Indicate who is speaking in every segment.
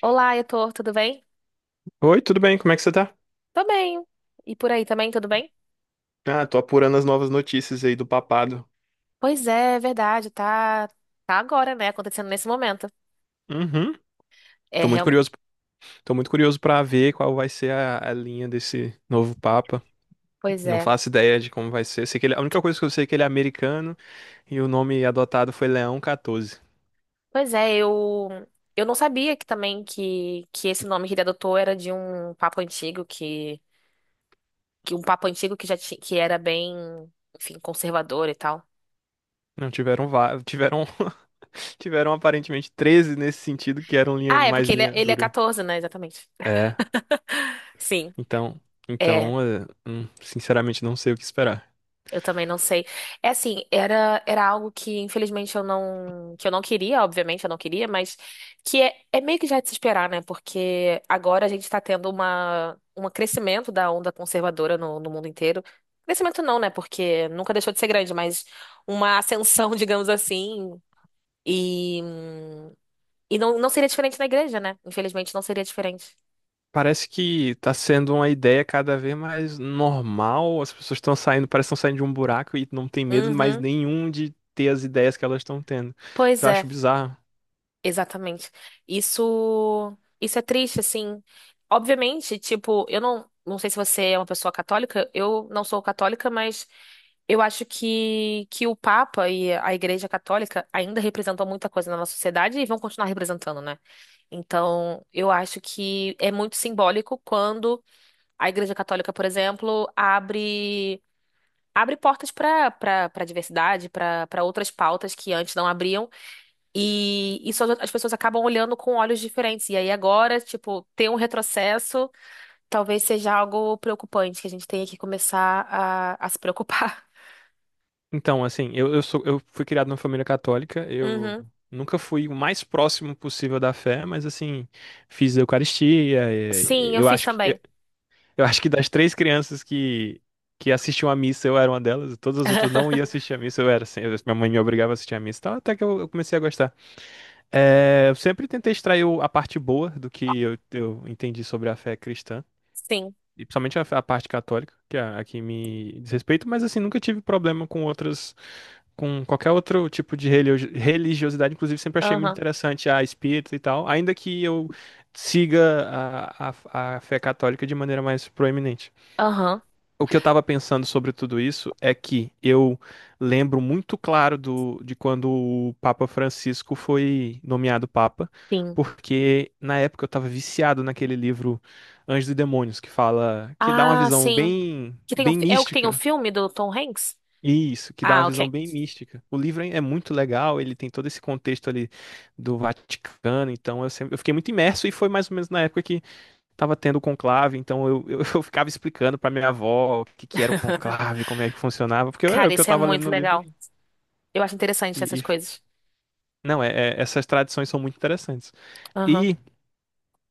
Speaker 1: Olá, Heitor, tudo bem?
Speaker 2: Oi, tudo bem? Como é que você tá?
Speaker 1: Tô bem. E por aí também, tudo bem?
Speaker 2: Ah, tô apurando as novas notícias aí do papado.
Speaker 1: Pois é, é verdade, tá, tá agora, né, acontecendo nesse momento.
Speaker 2: Uhum.
Speaker 1: É,
Speaker 2: Tô muito
Speaker 1: real...
Speaker 2: curioso. Tô muito curioso pra ver qual vai ser a linha desse novo papa.
Speaker 1: pois
Speaker 2: Não
Speaker 1: é.
Speaker 2: faço ideia de como vai ser. Sei que ele, a única coisa que eu sei é que ele é americano e o nome adotado foi Leão 14.
Speaker 1: Pois é, eu não sabia que também que esse nome que ele adotou era de um papa antigo que um papa antigo que já tinha que era bem, enfim, conservador e tal.
Speaker 2: Não tiveram tiveram aparentemente 13 nesse sentido que eram linha
Speaker 1: Ah, é
Speaker 2: mais
Speaker 1: porque
Speaker 2: linha
Speaker 1: ele é
Speaker 2: dura.
Speaker 1: 14, né, exatamente.
Speaker 2: É.
Speaker 1: Sim.
Speaker 2: Então,
Speaker 1: É.
Speaker 2: então, sinceramente não sei o que esperar.
Speaker 1: Eu também não sei. É assim, era, era algo que infelizmente eu não, que eu não queria, obviamente eu não queria, mas que é, é meio que já de se esperar, né? Porque agora a gente está tendo uma, um crescimento da onda conservadora no, no mundo inteiro. Crescimento não, né? Porque nunca deixou de ser grande, mas uma ascensão, digamos assim. E, e não, não seria diferente na igreja, né? Infelizmente não seria diferente.
Speaker 2: Parece que tá sendo uma ideia cada vez mais normal. As pessoas estão saindo, parece que estão saindo de um buraco e não tem medo mais
Speaker 1: Uhum.
Speaker 2: nenhum de ter as ideias que elas estão tendo. Que
Speaker 1: Pois
Speaker 2: eu acho
Speaker 1: é.
Speaker 2: bizarro.
Speaker 1: Exatamente. Isso é triste, assim. Obviamente, tipo, eu não, não sei se você é uma pessoa católica, eu não sou católica, mas eu acho que o Papa e a Igreja Católica ainda representam muita coisa na nossa sociedade e vão continuar representando, né? Então, eu acho que é muito simbólico quando a Igreja Católica, por exemplo, abre portas para diversidade, para outras pautas que antes não abriam e isso as as pessoas acabam olhando com olhos diferentes. E aí agora, tipo, ter um retrocesso talvez seja algo preocupante, que a gente tenha que começar a se preocupar.
Speaker 2: Então, assim, eu fui criado numa família católica, eu
Speaker 1: Uhum.
Speaker 2: nunca fui o mais próximo possível da fé, mas assim, fiz a Eucaristia. e-
Speaker 1: Sim, eu
Speaker 2: Eu
Speaker 1: fiz
Speaker 2: acho que, eu,
Speaker 1: também.
Speaker 2: eu acho que das três crianças que assistiam à missa, eu era uma delas, todas as outras não iam assistir à missa, eu era assim, minha mãe me obrigava a assistir à missa, então até que eu comecei a gostar. É, eu sempre tentei extrair a parte boa do que eu entendi sobre a fé cristã,
Speaker 1: Sim.
Speaker 2: e principalmente a parte católica, que é que me diz respeito, mas assim, nunca tive problema com outras, com qualquer outro tipo de religiosidade, inclusive sempre achei muito
Speaker 1: Aham.
Speaker 2: interessante a espírita e tal, ainda que eu siga a fé católica de maneira mais proeminente.
Speaker 1: Aham.
Speaker 2: O que eu tava pensando sobre tudo isso é que eu lembro muito claro de quando o Papa Francisco foi nomeado Papa,
Speaker 1: Sim.
Speaker 2: porque na época eu tava viciado naquele livro Anjos e Demônios, que fala, que dá uma
Speaker 1: Ah,
Speaker 2: visão
Speaker 1: sim.
Speaker 2: bem,
Speaker 1: Que tem um
Speaker 2: bem
Speaker 1: fi- é o que tem o
Speaker 2: mística.
Speaker 1: filme do Tom Hanks?
Speaker 2: Isso, que dá uma
Speaker 1: Ah,
Speaker 2: visão
Speaker 1: ok.
Speaker 2: bem mística. O livro é muito legal, ele tem todo esse contexto ali do Vaticano, então eu fiquei muito imerso e foi mais ou menos na época tava tendo conclave, então eu ficava explicando pra minha avó que era o conclave, como é que funcionava, porque é
Speaker 1: Cara,
Speaker 2: o que eu
Speaker 1: isso é
Speaker 2: tava lendo
Speaker 1: muito
Speaker 2: no livro.
Speaker 1: legal. Eu acho interessante essas
Speaker 2: E-
Speaker 1: coisas.
Speaker 2: não, é, é- essas tradições são muito interessantes.
Speaker 1: Aham.
Speaker 2: E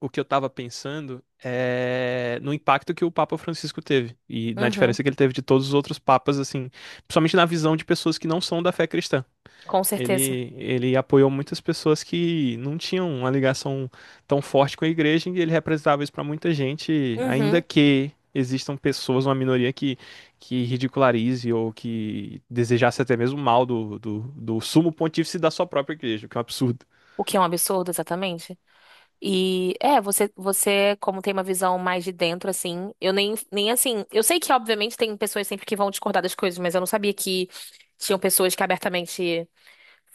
Speaker 2: o que eu tava pensando é no impacto que o Papa Francisco teve e na
Speaker 1: Uhum.
Speaker 2: diferença que ele teve de todos os outros papas, assim, principalmente na visão de pessoas que não são da fé cristã.
Speaker 1: Com certeza.
Speaker 2: Ele apoiou muitas pessoas que não tinham uma ligação tão forte com a igreja e ele representava isso para muita gente, ainda
Speaker 1: Uhum.
Speaker 2: que existam pessoas, uma minoria que ridicularize ou que desejasse até mesmo mal do sumo pontífice da sua própria igreja, o que é um absurdo.
Speaker 1: O que é um absurdo, exatamente? E é, você, você, como tem uma visão mais de dentro, assim, eu nem, nem assim. Eu sei que, obviamente, tem pessoas sempre que vão discordar das coisas, mas eu não sabia que tinham pessoas que abertamente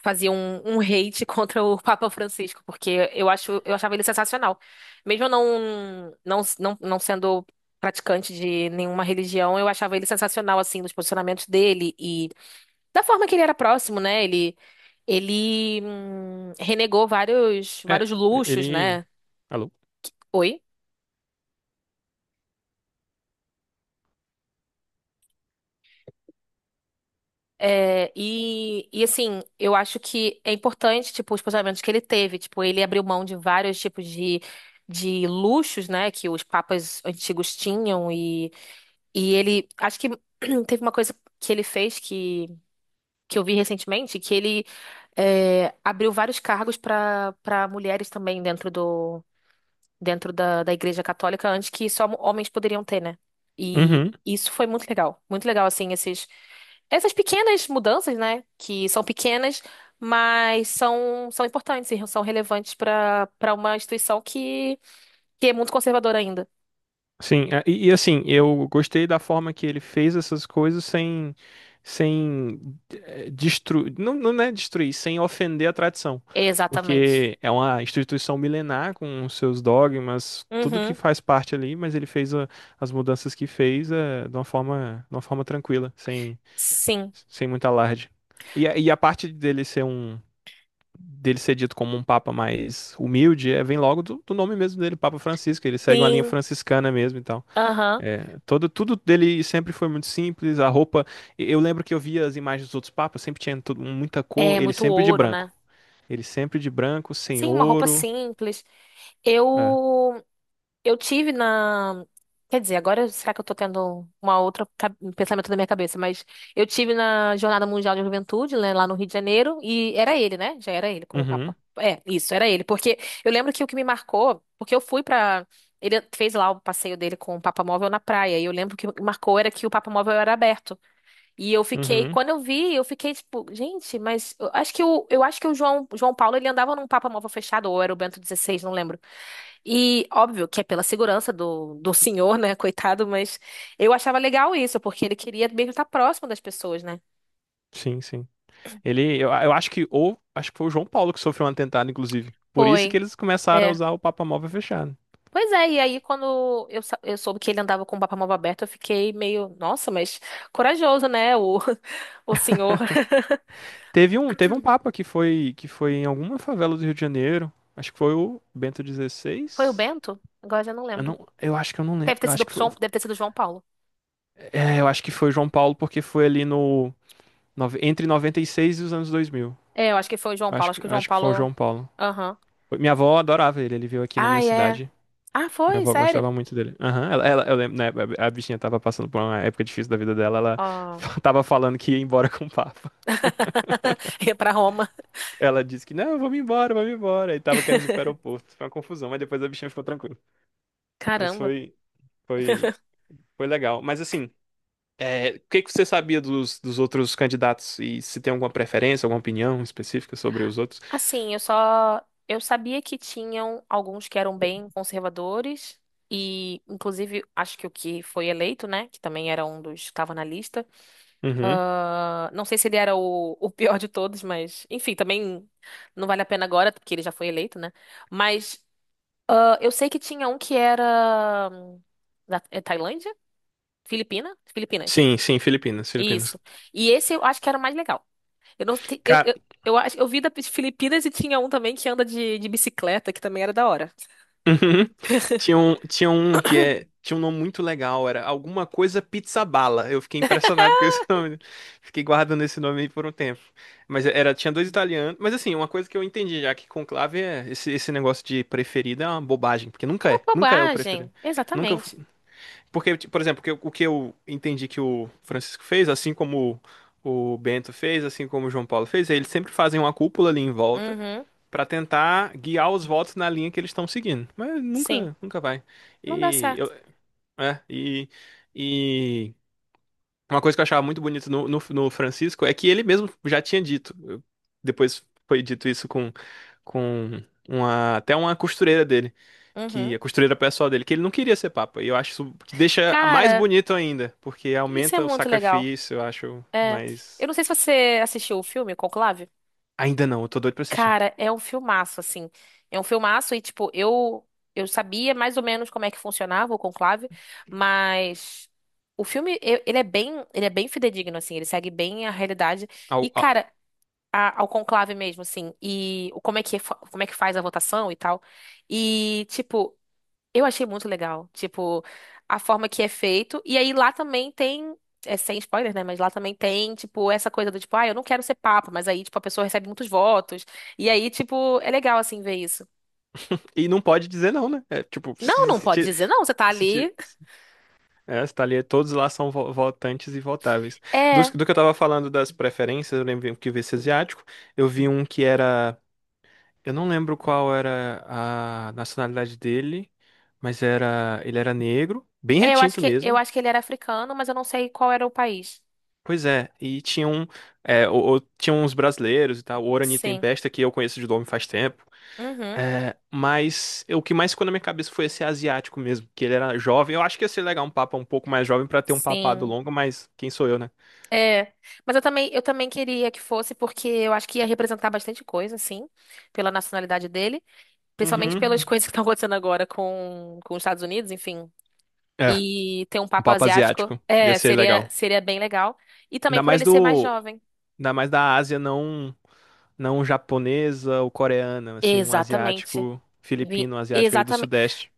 Speaker 1: faziam um, um hate contra o Papa Francisco, porque eu acho, eu achava ele sensacional. Mesmo eu não, não, não, não sendo praticante de nenhuma religião, eu achava ele sensacional, assim, nos posicionamentos dele e da forma que ele era próximo, né? Ele renegou vários,
Speaker 2: É,
Speaker 1: vários luxos,
Speaker 2: ele.
Speaker 1: né?
Speaker 2: Alô?
Speaker 1: Oi? É, e assim, eu acho que é importante, tipo, os posicionamentos que ele teve. Tipo, ele abriu mão de vários tipos de luxos, né, que os papas antigos tinham. E ele, acho que teve uma coisa que ele fez que eu vi recentemente, que ele é, abriu vários cargos para mulheres também dentro do, dentro da, da Igreja Católica antes que só homens poderiam ter, né? E
Speaker 2: Uhum.
Speaker 1: isso foi muito legal. Muito legal, assim, esses, essas pequenas mudanças, né? Que são pequenas, mas são, são importantes e são relevantes para uma instituição que é muito conservadora ainda.
Speaker 2: Sim, é, e assim, eu gostei da forma que ele fez essas coisas sem, sem destruir, não, não é destruir, sem ofender a tradição,
Speaker 1: Exatamente.
Speaker 2: porque é uma instituição milenar com os seus dogmas, tudo que
Speaker 1: Uhum.
Speaker 2: faz parte ali, mas as mudanças que fez é, de uma forma tranquila, sem,
Speaker 1: Sim.
Speaker 2: sem muito alarde. E a parte dele ser um dele ser dito como um papa mais humilde, é, vem logo do nome mesmo dele, Papa Francisco, ele segue uma linha
Speaker 1: Sim.
Speaker 2: franciscana mesmo, então
Speaker 1: Aham.
Speaker 2: é, tudo dele sempre foi muito simples. A roupa, eu lembro que eu via as imagens dos outros papas, sempre tinha muita cor.
Speaker 1: É
Speaker 2: Ele
Speaker 1: muito
Speaker 2: sempre de
Speaker 1: ouro, né?
Speaker 2: branco. Ele sempre de branco, sem
Speaker 1: Sim, uma roupa
Speaker 2: ouro.
Speaker 1: simples.
Speaker 2: É.
Speaker 1: Eu. Eu tive na. Quer dizer, agora será que eu tô tendo uma outra ca- um pensamento na minha cabeça? Mas eu tive na Jornada Mundial de Juventude, né, lá no Rio de Janeiro, e era ele, né? Já era ele como
Speaker 2: Uhum,
Speaker 1: Papa. É, isso, era ele. Porque eu lembro que o que me marcou, porque eu fui pra. Ele fez lá o passeio dele com o Papa Móvel na praia, e eu lembro que o que marcou era que o Papa Móvel era aberto. E eu fiquei,
Speaker 2: uhum.
Speaker 1: quando eu vi, eu fiquei tipo, gente, mas eu acho que o, eu acho que o João, João Paulo ele andava num Papa Móvel fechado, ou era o Bento XVI, não lembro. E óbvio que é pela segurança do, do senhor, né? Coitado, mas eu achava legal isso, porque ele queria mesmo estar próximo das pessoas, né?
Speaker 2: Sim, sim. Eu acho que, acho que foi o João Paulo que sofreu um atentado, inclusive. Por isso que
Speaker 1: Foi,
Speaker 2: eles começaram a
Speaker 1: é.
Speaker 2: usar o Papa Móvel fechado.
Speaker 1: Pois é, e aí quando eu, sa- eu soube que ele andava com o papamóvel aberto, eu fiquei meio, nossa, mas corajoso, né? O, o senhor.
Speaker 2: Teve um papa que foi em alguma favela do Rio de Janeiro. Acho que foi o Bento
Speaker 1: Foi o
Speaker 2: XVI.
Speaker 1: Bento? Agora já não lembro.
Speaker 2: Eu acho que eu não lembro.
Speaker 1: Deve ter sido o João, deve ter sido o João Paulo.
Speaker 2: Eu acho que foi o João Paulo porque foi ali no Nove- entre 96 e os anos 2000.
Speaker 1: É, eu acho que foi o João Paulo, acho que o João
Speaker 2: Acho que foi o
Speaker 1: Paulo.
Speaker 2: João Paulo.
Speaker 1: Aham.
Speaker 2: Minha avó adorava ele, ele veio aqui na minha
Speaker 1: Ah, é.
Speaker 2: cidade.
Speaker 1: Ah,
Speaker 2: Minha
Speaker 1: foi,
Speaker 2: avó
Speaker 1: sério?
Speaker 2: gostava muito dele. Aham, eu lembro, né, a bichinha tava passando por uma época difícil da vida dela, ela
Speaker 1: Ó.
Speaker 2: tava falando que ia embora com o Papa.
Speaker 1: Ia pra Roma.
Speaker 2: Ela disse que, não, vamos embora, vamos embora. E tava querendo ir pro aeroporto. Foi uma confusão, mas depois a bichinha ficou tranquila. Mas
Speaker 1: Caramba.
Speaker 2: foi, foi legal. Mas assim, é, o que que você sabia dos outros candidatos? E se tem alguma preferência, alguma opinião específica sobre os outros?
Speaker 1: Assim, eu só. Eu sabia que tinham alguns que eram bem conservadores, e inclusive acho que o que foi eleito, né? Que também era um dos que estava na lista.
Speaker 2: Uhum.
Speaker 1: Ah, não sei se ele era o pior de todos, mas enfim, também não vale a pena agora, porque ele já foi eleito, né? Mas ah, eu sei que tinha um que era. Da, é Tailândia? Filipina? Filipinas.
Speaker 2: Sim, sim, Filipinas,
Speaker 1: Isso.
Speaker 2: Filipinas.
Speaker 1: E esse eu acho que era o mais legal. Eu não sei.
Speaker 2: Cara,
Speaker 1: Eu acho. Eu vi da Filipinas e tinha um também que anda de bicicleta, que também era da hora.
Speaker 2: uhum. Tinha um nome muito legal, era alguma coisa pizza bala. Eu fiquei impressionado com esse nome. Fiquei guardando esse nome aí por um tempo. Tinha dois italianos, mas assim, uma coisa que eu entendi já que conclave é esse negócio de preferido é uma bobagem, porque
Speaker 1: É uma
Speaker 2: nunca é o preferido.
Speaker 1: bobagem.
Speaker 2: Nunca, f-
Speaker 1: Exatamente.
Speaker 2: porque tipo, por exemplo, o que eu entendi que o Francisco fez, assim como o Bento fez, assim como o João Paulo fez, eles sempre fazem uma cúpula ali em volta.
Speaker 1: Uhum.
Speaker 2: Pra tentar guiar os votos na linha que eles estão seguindo. Mas
Speaker 1: Sim.
Speaker 2: nunca, nunca vai.
Speaker 1: Não dá
Speaker 2: E, eu,
Speaker 1: certo.
Speaker 2: é, e, e uma coisa que eu achava muito bonita no Francisco é que ele mesmo já tinha dito. Depois foi dito isso com até uma costureira dele, que
Speaker 1: Uhum.
Speaker 2: a costureira pessoal dele, que ele não queria ser papa. E eu acho isso que deixa mais
Speaker 1: Cara,
Speaker 2: bonito ainda, porque
Speaker 1: isso é
Speaker 2: aumenta o
Speaker 1: muito legal.
Speaker 2: sacrifício, eu acho,
Speaker 1: É. Eu
Speaker 2: mas
Speaker 1: não sei se você assistiu o filme Conclave.
Speaker 2: ainda não, eu tô doido pra assistir.
Speaker 1: Cara, é um filmaço, assim. É um filmaço e, tipo, eu sabia mais ou menos como é que funcionava o Conclave, mas. O filme, eu- ele é bem fidedigno, assim, ele segue bem a realidade. E,
Speaker 2: Au, au.
Speaker 1: cara, a- ao conclave mesmo, assim, e o- como é que, fa- como é que faz a votação e tal. E, tipo, eu achei muito legal, tipo, a forma que é feito. E aí lá também tem, é sem spoiler, né? Mas lá também tem, tipo, essa coisa do tipo, ah, eu não quero ser papa, mas aí, tipo, a pessoa recebe muitos votos. E aí, tipo, é legal, assim, ver isso.
Speaker 2: E não pode dizer não, né? É, tipo,
Speaker 1: Não,
Speaker 2: se,
Speaker 1: não
Speaker 2: se,
Speaker 1: pode
Speaker 2: ti-
Speaker 1: dizer, não, você tá
Speaker 2: se ti-
Speaker 1: ali.
Speaker 2: é, você tá ali, todos lá são votantes e votáveis.
Speaker 1: É,
Speaker 2: Do que eu tava falando das preferências, eu lembro que eu vi esse asiático. Eu vi um que era. Eu não lembro qual era a nacionalidade dele, mas era. Ele era negro, bem retinto
Speaker 1: eu
Speaker 2: mesmo.
Speaker 1: acho que ele era africano, mas eu não sei qual era o país.
Speaker 2: Pois é, e tinha um. É, tinha uns brasileiros e tal, o Orani
Speaker 1: Sim.
Speaker 2: Tempesta, que eu conheço de nome faz tempo.
Speaker 1: Uhum.
Speaker 2: É, mas o que mais ficou na minha cabeça foi esse asiático mesmo, que ele era jovem. Eu acho que ia ser legal um papa um pouco mais jovem pra ter um papado
Speaker 1: Sim.
Speaker 2: longo, mas quem sou eu, né?
Speaker 1: É, mas eu também queria que fosse, porque eu acho que ia representar bastante coisa, assim, pela nacionalidade dele, principalmente pelas
Speaker 2: Uhum.
Speaker 1: coisas que estão acontecendo agora com os Estados Unidos, enfim.
Speaker 2: É,
Speaker 1: E ter um
Speaker 2: um
Speaker 1: papo
Speaker 2: papo
Speaker 1: asiático,
Speaker 2: asiático. Ia
Speaker 1: é,
Speaker 2: ser
Speaker 1: seria,
Speaker 2: legal.
Speaker 1: seria bem legal. E também
Speaker 2: Ainda
Speaker 1: por
Speaker 2: mais
Speaker 1: ele ser mais
Speaker 2: do,
Speaker 1: jovem.
Speaker 2: ainda mais da Ásia, não, não japonesa ou coreana, assim, um
Speaker 1: Exatamente.
Speaker 2: asiático,
Speaker 1: Vi,
Speaker 2: filipino, um asiático ali do Sudeste.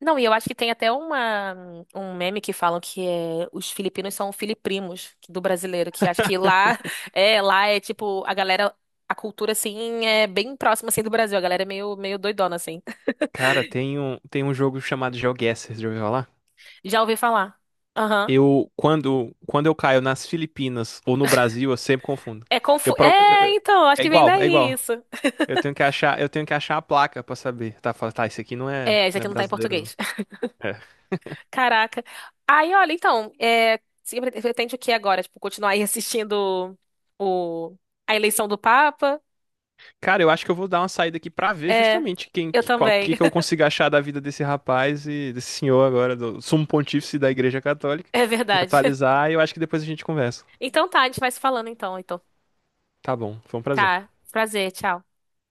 Speaker 1: Não, e eu acho que tem até uma, um meme que falam que é, os filipinos são filiprimos do brasileiro, que acho que lá é, lá é tipo, a galera, a cultura assim é bem próxima assim do Brasil, a galera é meio, meio doidona assim.
Speaker 2: Cara, tem um jogo chamado GeoGuessr, já ouviu falar?
Speaker 1: Já ouvi falar. Aham.
Speaker 2: Quando eu caio nas Filipinas ou no Brasil, eu sempre confundo.
Speaker 1: É
Speaker 2: Eu,
Speaker 1: confu...
Speaker 2: pro-
Speaker 1: É,
Speaker 2: eu-
Speaker 1: então, acho
Speaker 2: é
Speaker 1: que vem
Speaker 2: igual, é
Speaker 1: daí
Speaker 2: igual.
Speaker 1: isso.
Speaker 2: Eu tenho que achar a placa pra saber. Tá, fala, tá, isso aqui não é,
Speaker 1: É, isso
Speaker 2: não é
Speaker 1: aqui não tá em
Speaker 2: brasileiro, não.
Speaker 1: português. Caraca. Aí, olha, então, é, você pre- pretende o que agora? Tipo, continuar aí assistindo o, a eleição do Papa?
Speaker 2: Cara, eu acho que eu vou dar uma saída aqui pra ver
Speaker 1: É,
Speaker 2: justamente quem,
Speaker 1: eu
Speaker 2: que, qual,
Speaker 1: também.
Speaker 2: que que eu consigo achar da vida desse rapaz e desse senhor agora, do sumo pontífice da Igreja Católica,
Speaker 1: É
Speaker 2: me
Speaker 1: verdade.
Speaker 2: atualizar e eu acho que depois a gente conversa.
Speaker 1: Então tá, a gente vai se falando então, então.
Speaker 2: Tá bom, foi um prazer.
Speaker 1: Tá, prazer, tchau.